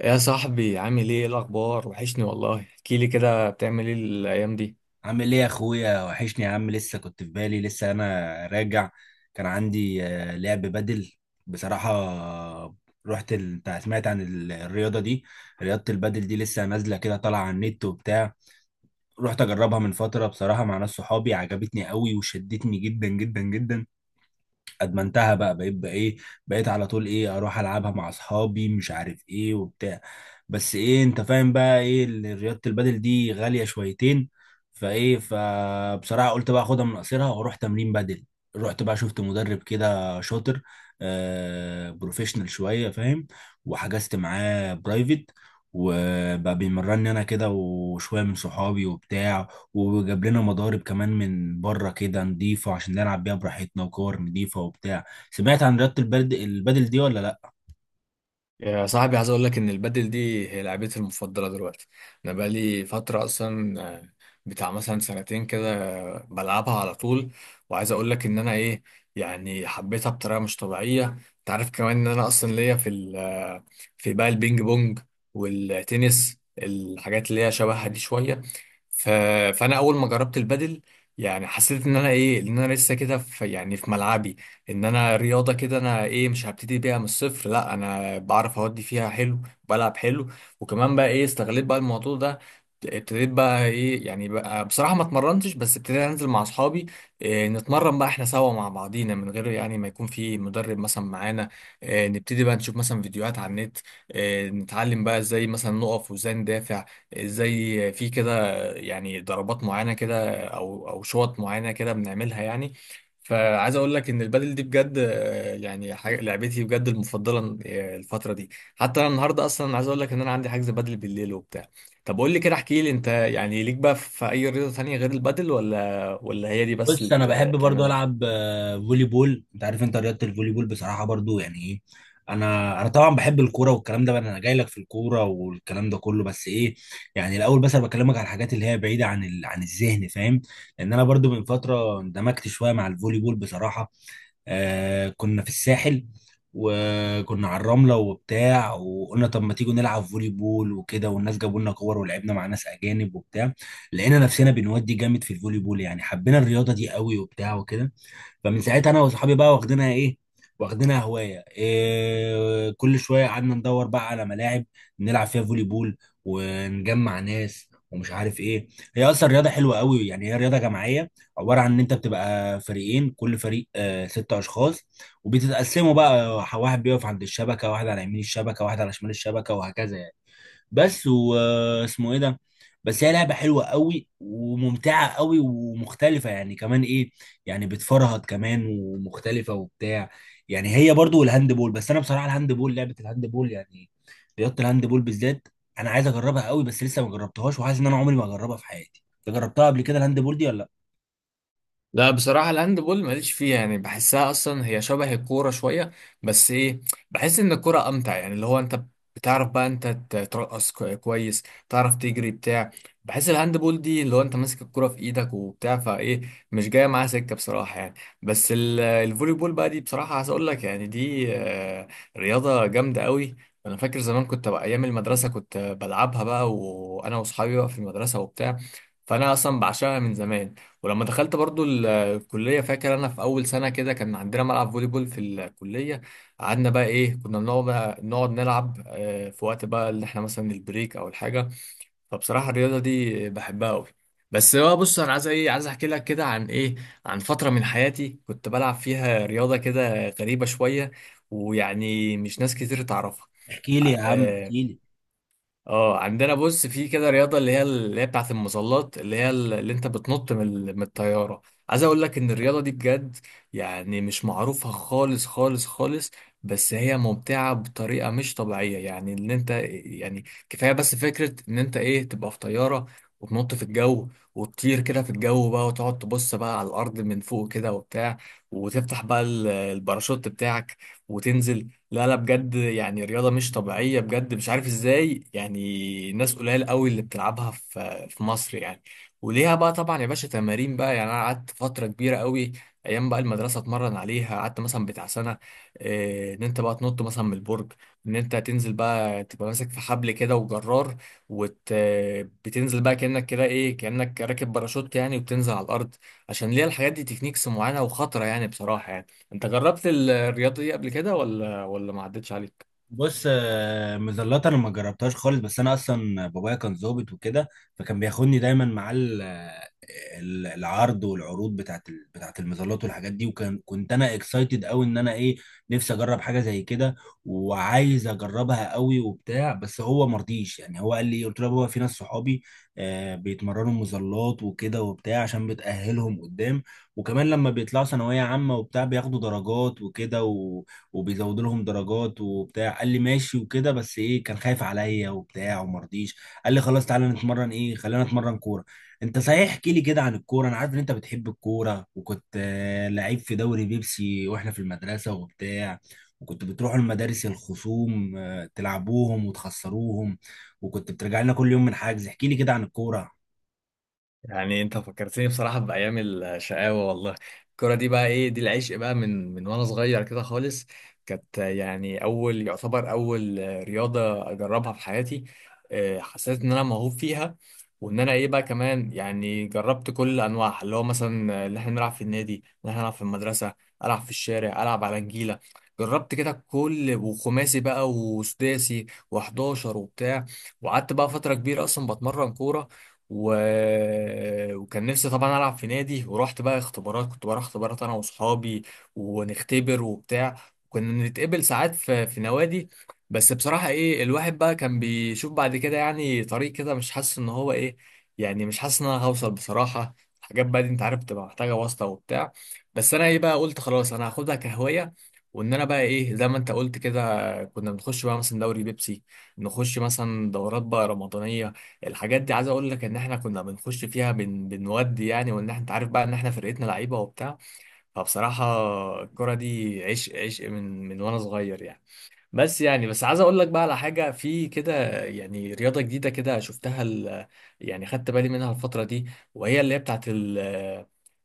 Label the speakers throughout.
Speaker 1: يا صاحبي، عامل ايه؟ إيه الاخبار؟ وحشني والله، احكي لي كده، بتعمل ايه الايام دي؟
Speaker 2: عامل ايه يا اخويا، وحشني يا عم. لسه كنت في بالي، لسه انا راجع. كان عندي لعب بدل بصراحة. انت سمعت عن الرياضة دي؟ رياضة البدل دي لسه نازلة كده، طالعة على النت وبتاع. رحت اجربها من فترة بصراحة مع ناس صحابي، عجبتني قوي وشدتني جدا جدا جدا. ادمنتها بقى، بقيت على طول ايه اروح العبها مع اصحابي مش عارف ايه وبتاع. بس ايه، انت فاهم بقى ايه، رياضة البادل دي غالية شويتين. فايه، فبصراحة قلت بقى اخدها من قصيرها واروح تمرين بادل. رحت بقى شفت مدرب كده شاطر، بروفيشنال شوية، فاهم؟ وحجزت معاه برايفت، وبقى بيمرني انا كده وشوية من صحابي وبتاع، وجاب لنا مضارب كمان من بره كده نضيفه عشان نلعب بيها براحتنا، وكور نضيفه وبتاع. سمعت عن رياضة البدل دي ولا لا؟
Speaker 1: يا صاحبي عايز اقول لك ان البادل دي هي لعبتي المفضله دلوقتي. انا بقالي فتره اصلا بتاع مثلا سنتين كده، بلعبها على طول. وعايز اقول لك ان انا ايه، يعني حبيتها بطريقه مش طبيعيه. انت عارف كمان ان انا اصلا ليا في في بقى البينج بونج والتنس، الحاجات اللي هي شبهها دي شويه. ف... فانا اول ما جربت البادل يعني حسيت ان انا ايه، ان انا لسه كده في يعني في ملعبي. ان انا رياضه كده انا ايه، مش هبتدي بيها من الصفر، لا انا بعرف اودي فيها حلو، بلعب حلو. وكمان بقى ايه استغليت بقى الموضوع ده، ابتديت بقى ايه يعني بقى بصراحه ما اتمرنتش، بس ابتديت انزل مع اصحابي، إيه نتمرن بقى احنا سوا مع بعضينا من غير يعني ما يكون في مدرب مثلا معانا. إيه نبتدي بقى نشوف مثلا فيديوهات على النت، إيه نتعلم بقى ازاي مثلا نقف وازاي ندافع، ازاي في كده يعني ضربات معينه كده او او شوط معينه كده بنعملها يعني. فعايز اقول لك ان البادل دي بجد، يعني حاجة لعبتي بجد المفضله الفتره دي. حتى انا النهارده اصلا عايز اقول لك ان انا عندي حجز بادل بالليل وبتاع. طب قول لي كده، احكي لي انت يعني ليك بقى في اي رياضه تانية غير البادل ولا هي دي بس اللي
Speaker 2: بص، انا بحب برضو
Speaker 1: بتعملها؟
Speaker 2: العب فولي بول. انت عارف، انت رياضة الفولي بول بصراحة برضو يعني ايه. انا طبعا بحب الكوره والكلام ده بقى، انا جاي لك في الكوره والكلام ده كله. بس ايه، يعني الاول بس انا بكلمك على الحاجات اللي هي بعيده عن عن الذهن، فاهم؟ لان انا برضو من فتره اندمجت شويه مع الفولي بول بصراحه. آه، كنا في الساحل، وكنا على الرملة وبتاع، وقلنا طب ما تيجوا نلعب فولي بول وكده، والناس جابوا لنا كور ولعبنا مع ناس أجانب وبتاع. لقينا نفسنا بنودي جامد في الفولي بول، يعني حبينا الرياضة دي قوي وبتاع وكده. فمن ساعتها انا واصحابي بقى واخدينها ايه، واخدينها هوايه، إيه، كل شويه قعدنا ندور بقى على ملاعب نلعب فيها فولي بول، ونجمع ناس ومش عارف ايه. هي اصلا رياضه حلوه قوي، يعني هي رياضه جماعيه، عباره عن ان انت بتبقى فريقين، كل فريق ست اشخاص، وبتتقسموا بقى، واحد بيقف عند الشبكه، واحد على يمين الشبكه، واحد على شمال الشبكه، وهكذا يعني. بس واسمه ايه ده. بس هي لعبة حلوة قوي وممتعة قوي ومختلفة، يعني كمان ايه، يعني بتفرهد كمان ومختلفة وبتاع. يعني هي برضو والهاند بول، بس انا بصراحة الهاند بول، لعبة الهاند بول يعني، رياضة الهاند بول بالذات، انا عايز اجربها قوي بس لسه ما جربتهاش، وحاسس ان انا عمري ما اجربها في حياتي. انت جربتها قبل كده الهاند بول دي ولا لا؟
Speaker 1: لا بصراحة الهاند بول ماليش فيها، يعني بحسها أصلا هي شبه الكورة شوية. بس إيه، بحس إن الكورة أمتع يعني، اللي هو أنت بتعرف بقى أنت ترقص كويس، تعرف تجري بتاع. بحس الهاند بول دي اللي هو أنت ماسك الكورة في إيدك وبتاع فإيه، مش جاية معاها سكة بصراحة يعني. بس الفولي بول بقى دي بصراحة عايز أقول لك يعني دي رياضة جامدة قوي. أنا فاكر زمان كنت بقى أيام المدرسة كنت بلعبها بقى وأنا وأصحابي بقى في المدرسة وبتاع. فأنا أصلا بعشقها من زمان. ولما دخلت برضو الكلية، فاكر أنا في أول سنة كده كان عندنا ملعب فولي بول في الكلية. قعدنا بقى إيه، كنا بنقعد بقى نقعد نلعب، في وقت بقى اللي إحنا مثلا البريك أو الحاجة. فبصراحة الرياضة دي بحبها أوي. بس بقى بص أنا عايز إيه، عايز أحكي لك كده عن إيه، عن فترة من حياتي كنت بلعب فيها رياضة كده غريبة شوية ويعني مش ناس كتير تعرفها.
Speaker 2: احكي لي يا عم،
Speaker 1: آه،
Speaker 2: احكي لي.
Speaker 1: اه عندنا بص في كده رياضه اللي هي اللي هي بتاعه المظلات، اللي هي اللي انت بتنط من من الطياره. عايز اقول لك ان الرياضه دي بجد يعني مش معروفه خالص خالص خالص. بس هي ممتعه بطريقه مش طبيعيه، يعني ان انت يعني كفايه بس فكره ان انت ايه تبقى في طياره، وتنط في الجو، وتطير كده في الجو بقى وتقعد تبص بقى على الارض من فوق كده وبتاع، وتفتح بقى الباراشوت بتاعك وتنزل. لا لا بجد يعني رياضة مش طبيعية بجد، مش عارف ازاي يعني ناس قليل قوي اللي بتلعبها في مصر يعني. وليها بقى طبعا يا باشا تمارين بقى، يعني انا قعدت فترة كبيرة قوي ايام بقى المدرسة اتمرن عليها، قعدت مثلا بتاع سنة. إيه، ان انت بقى تنط مثلا من البرج، ان انت تنزل بقى تبقى ماسك في حبل كده وجرار، وت بتنزل بقى كأنك كده ايه، كأنك راكب باراشوت يعني وبتنزل على الارض. عشان ليها الحاجات دي تكنيكس معينة وخطرة يعني بصراحة يعني. انت جربت الرياضه دي قبل كده ولا ما عدتش عليك؟
Speaker 2: بص، مزلات انا ما جربتهاش خالص. بس انا اصلا بابايا كان ظابط وكده، فكان بياخدني دايما مع العرض والعروض بتاعت المظلات والحاجات دي. وكان كنت انا اكسايتد قوي، ان انا ايه، نفسي اجرب حاجه زي كده، وعايز اجربها قوي وبتاع، بس هو مرضيش. يعني هو قال لي، قلت له: يا بابا، في ناس صحابي بيتمرنوا مظلات وكده وبتاع، عشان بتأهلهم قدام، وكمان لما بيطلعوا ثانويه عامه وبتاع بياخدوا درجات وكده، وبيزودوا لهم درجات وبتاع. قال لي ماشي وكده، بس ايه، كان خايف عليا وبتاع وما رضيش. قال لي: خلاص تعالى نتمرن ايه، خلينا نتمرن كوره. انت صحيح، احكي لي كده عن الكوره. انا عارف ان انت بتحب الكوره، وكنت لعيب في دوري بيبسي واحنا في المدرسه وبتاع، وكنت بتروحوا المدارس الخصوم تلعبوهم وتخسروهم، وكنت بترجع لنا كل يوم من حجز. احكي لي كده عن الكوره.
Speaker 1: يعني انت فكرتني بصراحة بأيام الشقاوة والله. الكرة دي بقى ايه، دي العشق بقى من وانا صغير كده خالص. كانت يعني اول، يعتبر اول رياضة اجربها في حياتي. اه، حسيت ان انا موهوب فيها، وان انا ايه بقى كمان يعني جربت كل انواعها، اللي هو مثلا اللي احنا نلعب في النادي، اللي احنا نلعب في المدرسة، العب في الشارع، العب على نجيلة. جربت كده كل، وخماسي بقى وسداسي و11 وبتاع. وقعدت بقى فترة كبيرة اصلا بتمرن كورة، و... وكان نفسي طبعا العب في نادي، ورحت بقى اختبارات، كنت بروح اختبارات انا واصحابي ونختبر وبتاع. كنا نتقبل ساعات في نوادي. بس بصراحة ايه، الواحد بقى كان بيشوف بعد كده يعني طريق كده مش حاسس ان هو ايه، يعني مش حاسس ان انا هوصل بصراحة. حاجات بقى دي انت عارف تبقى محتاجة واسطة وبتاع. بس انا ايه بقى قلت خلاص، انا هاخدها كهواية. وان انا بقى ايه زي ما انت قلت كده، كنا بنخش بقى مثلا دوري بيبسي، نخش مثلا دورات بقى رمضانية. الحاجات دي عايز اقول لك ان احنا كنا بنخش فيها، بنودي يعني، وان احنا انت عارف بقى ان احنا فرقتنا لعيبه وبتاع. فبصراحه الكره دي عشق، عشق من وانا صغير يعني. بس يعني بس عايز اقول لك بقى على حاجه في كده، يعني رياضه جديده كده شفتها، يعني خدت بالي منها الفتره دي. وهي اللي هي بتاعت ال...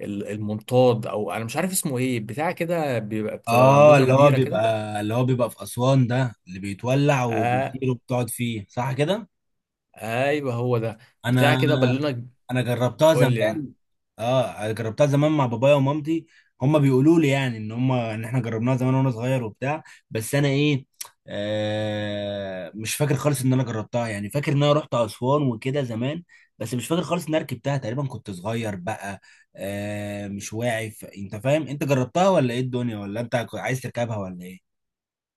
Speaker 1: ال- المنطاد او انا مش عارف اسمه ايه، بتاع كده بيبقى بتبقى
Speaker 2: اه،
Speaker 1: بالونه
Speaker 2: اللي هو
Speaker 1: كبيره
Speaker 2: بيبقى
Speaker 1: كده.
Speaker 2: اللي هو بيبقى في اسوان ده، اللي بيتولع
Speaker 1: آه...
Speaker 2: وبيطير وبتقعد فيه، صح كده؟
Speaker 1: ايوه هو ده، بتاع
Speaker 2: انا
Speaker 1: كده بالونه.
Speaker 2: انا جربتها
Speaker 1: قول لي يعني.
Speaker 2: زمان. اه، جربتها زمان مع بابايا ومامتي، هما بيقولوا لي يعني ان هما، ان احنا جربناها زمان وانا صغير وبتاع. بس انا ايه، مش فاكر خالص ان انا جربتها. يعني فاكر ان انا رحت اسوان وكده زمان، بس مش فاكر خالص ان انا ركبتها، تقريبا كنت صغير بقى، مش واعي. انت فاهم، انت جربتها ولا ايه الدنيا، ولا انت عايز تركبها، ولا ايه؟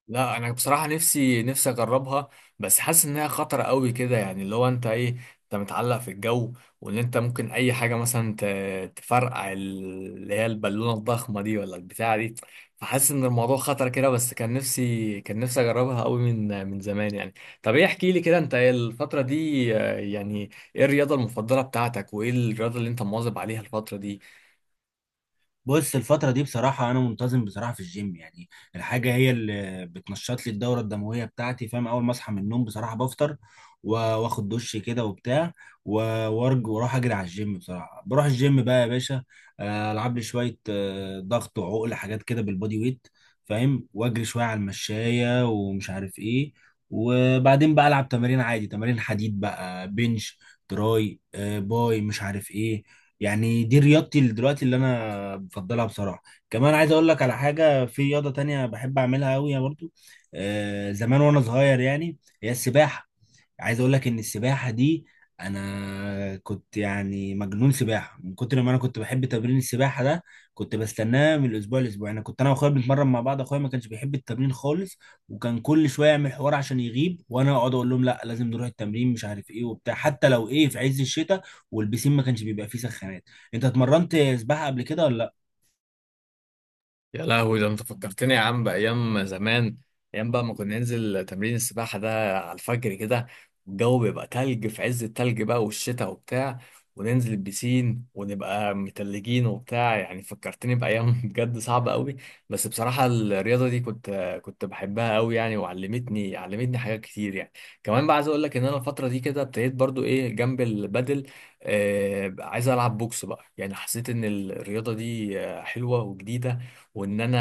Speaker 1: لا انا بصراحه نفسي نفسي اجربها، بس حاسس انها خطره قوي كده يعني، اللي هو انت ايه، انت متعلق في الجو، وان انت ممكن اي حاجه مثلا تفرقع اللي هي البالونه الضخمه دي ولا البتاعه دي. فحاسس ان الموضوع خطر كده، بس كان نفسي كان نفسي اجربها قوي من زمان يعني. طب ايه، احكي لي كده انت إيه الفتره دي، يعني ايه الرياضه المفضله بتاعتك وايه الرياضه اللي انت مواظب عليها الفتره دي؟
Speaker 2: بص، الفترة دي بصراحة أنا منتظم بصراحة في الجيم يعني. الحاجة هي اللي بتنشط لي الدورة الدموية بتاعتي، فاهم؟ أول ما أصحى من النوم بصراحة بفطر، و- وآخد دش كده وبتاع، و- وأرج وأروح أجري على الجيم. بصراحة بروح الجيم بقى يا باشا، ألعب لي شوية ضغط وعقل حاجات كده بالبودي ويت، فاهم؟ وأجري شوية على المشاية ومش عارف إيه. وبعدين بقى ألعب تمارين عادي، تمارين حديد بقى، بنش، تراي، باي، مش عارف إيه. يعني دي رياضتي دلوقتي اللي انا بفضلها بصراحة. كمان عايز اقول لك على حاجة، في رياضة تانية بحب اعملها قوي برضو، زمان وانا صغير يعني، هي السباحة. عايز اقول لك ان السباحة دي، انا كنت يعني مجنون سباحة، من كتر ما انا كنت بحب تمرين السباحة ده كنت بستناه من الاسبوع لاسبوع. انا كنت انا واخويا بنتمرن مع بعض، اخويا ما كانش بيحب التمرين خالص، وكان كل شوية يعمل حوار عشان يغيب، وانا اقعد اقول لهم لا لازم نروح التمرين مش عارف ايه وبتاع، حتى لو ايه في عز الشتاء، والبسين ما كانش بيبقى فيه سخانات. انت اتمرنت سباحة قبل كده ولا؟
Speaker 1: يا لهوي، ده انت فكرتني يا عم بايام زمان. ايام بقى ما كنا ننزل تمرين السباحه ده على الفجر كده، الجو بيبقى تلج في عز التلج بقى والشتاء وبتاع، وننزل البسين ونبقى متلجين وبتاع، يعني فكرتني بايام بجد صعبه قوي. بس بصراحه الرياضه دي كنت، كنت بحبها قوي يعني، وعلمتني، علمتني حاجات كتير يعني. كمان بقى عايز اقول لك ان انا الفتره دي كده ابتديت برضو ايه جنب البادل، عايز العب بوكس بقى يعني. حسيت ان الرياضه دي حلوه وجديده، وان انا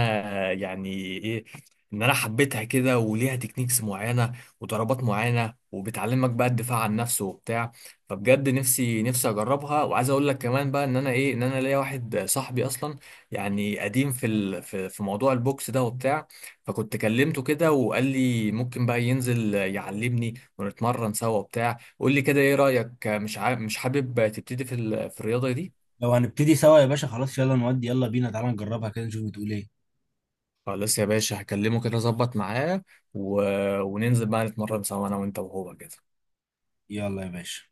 Speaker 1: يعني ايه، ان انا حبيتها كده، وليها تكنيكس معينه وضربات معينه، وبتعلمك بقى الدفاع عن نفسه وبتاع. فبجد نفسي نفسي اجربها. وعايز اقول لك كمان بقى ان انا ايه، ان انا ليا واحد صاحبي اصلا يعني قديم في في موضوع البوكس ده وبتاع. فكنت كلمته كده وقال لي ممكن بقى ينزل يعلمني ونتمرن سوا وبتاع. قول لي كده ايه رايك، مش حابب تبتدي في الرياضه دي؟
Speaker 2: لو هنبتدي سوا يا باشا، خلاص يلا نودي، يلا بينا تعالى نجربها كده نشوف بتقول ايه.
Speaker 1: خلاص يا باشا، هكلمه كده اظبط معاه و... وننزل بقى نتمرن سوا انا وانت وهو كده.
Speaker 2: يلا يا باشا.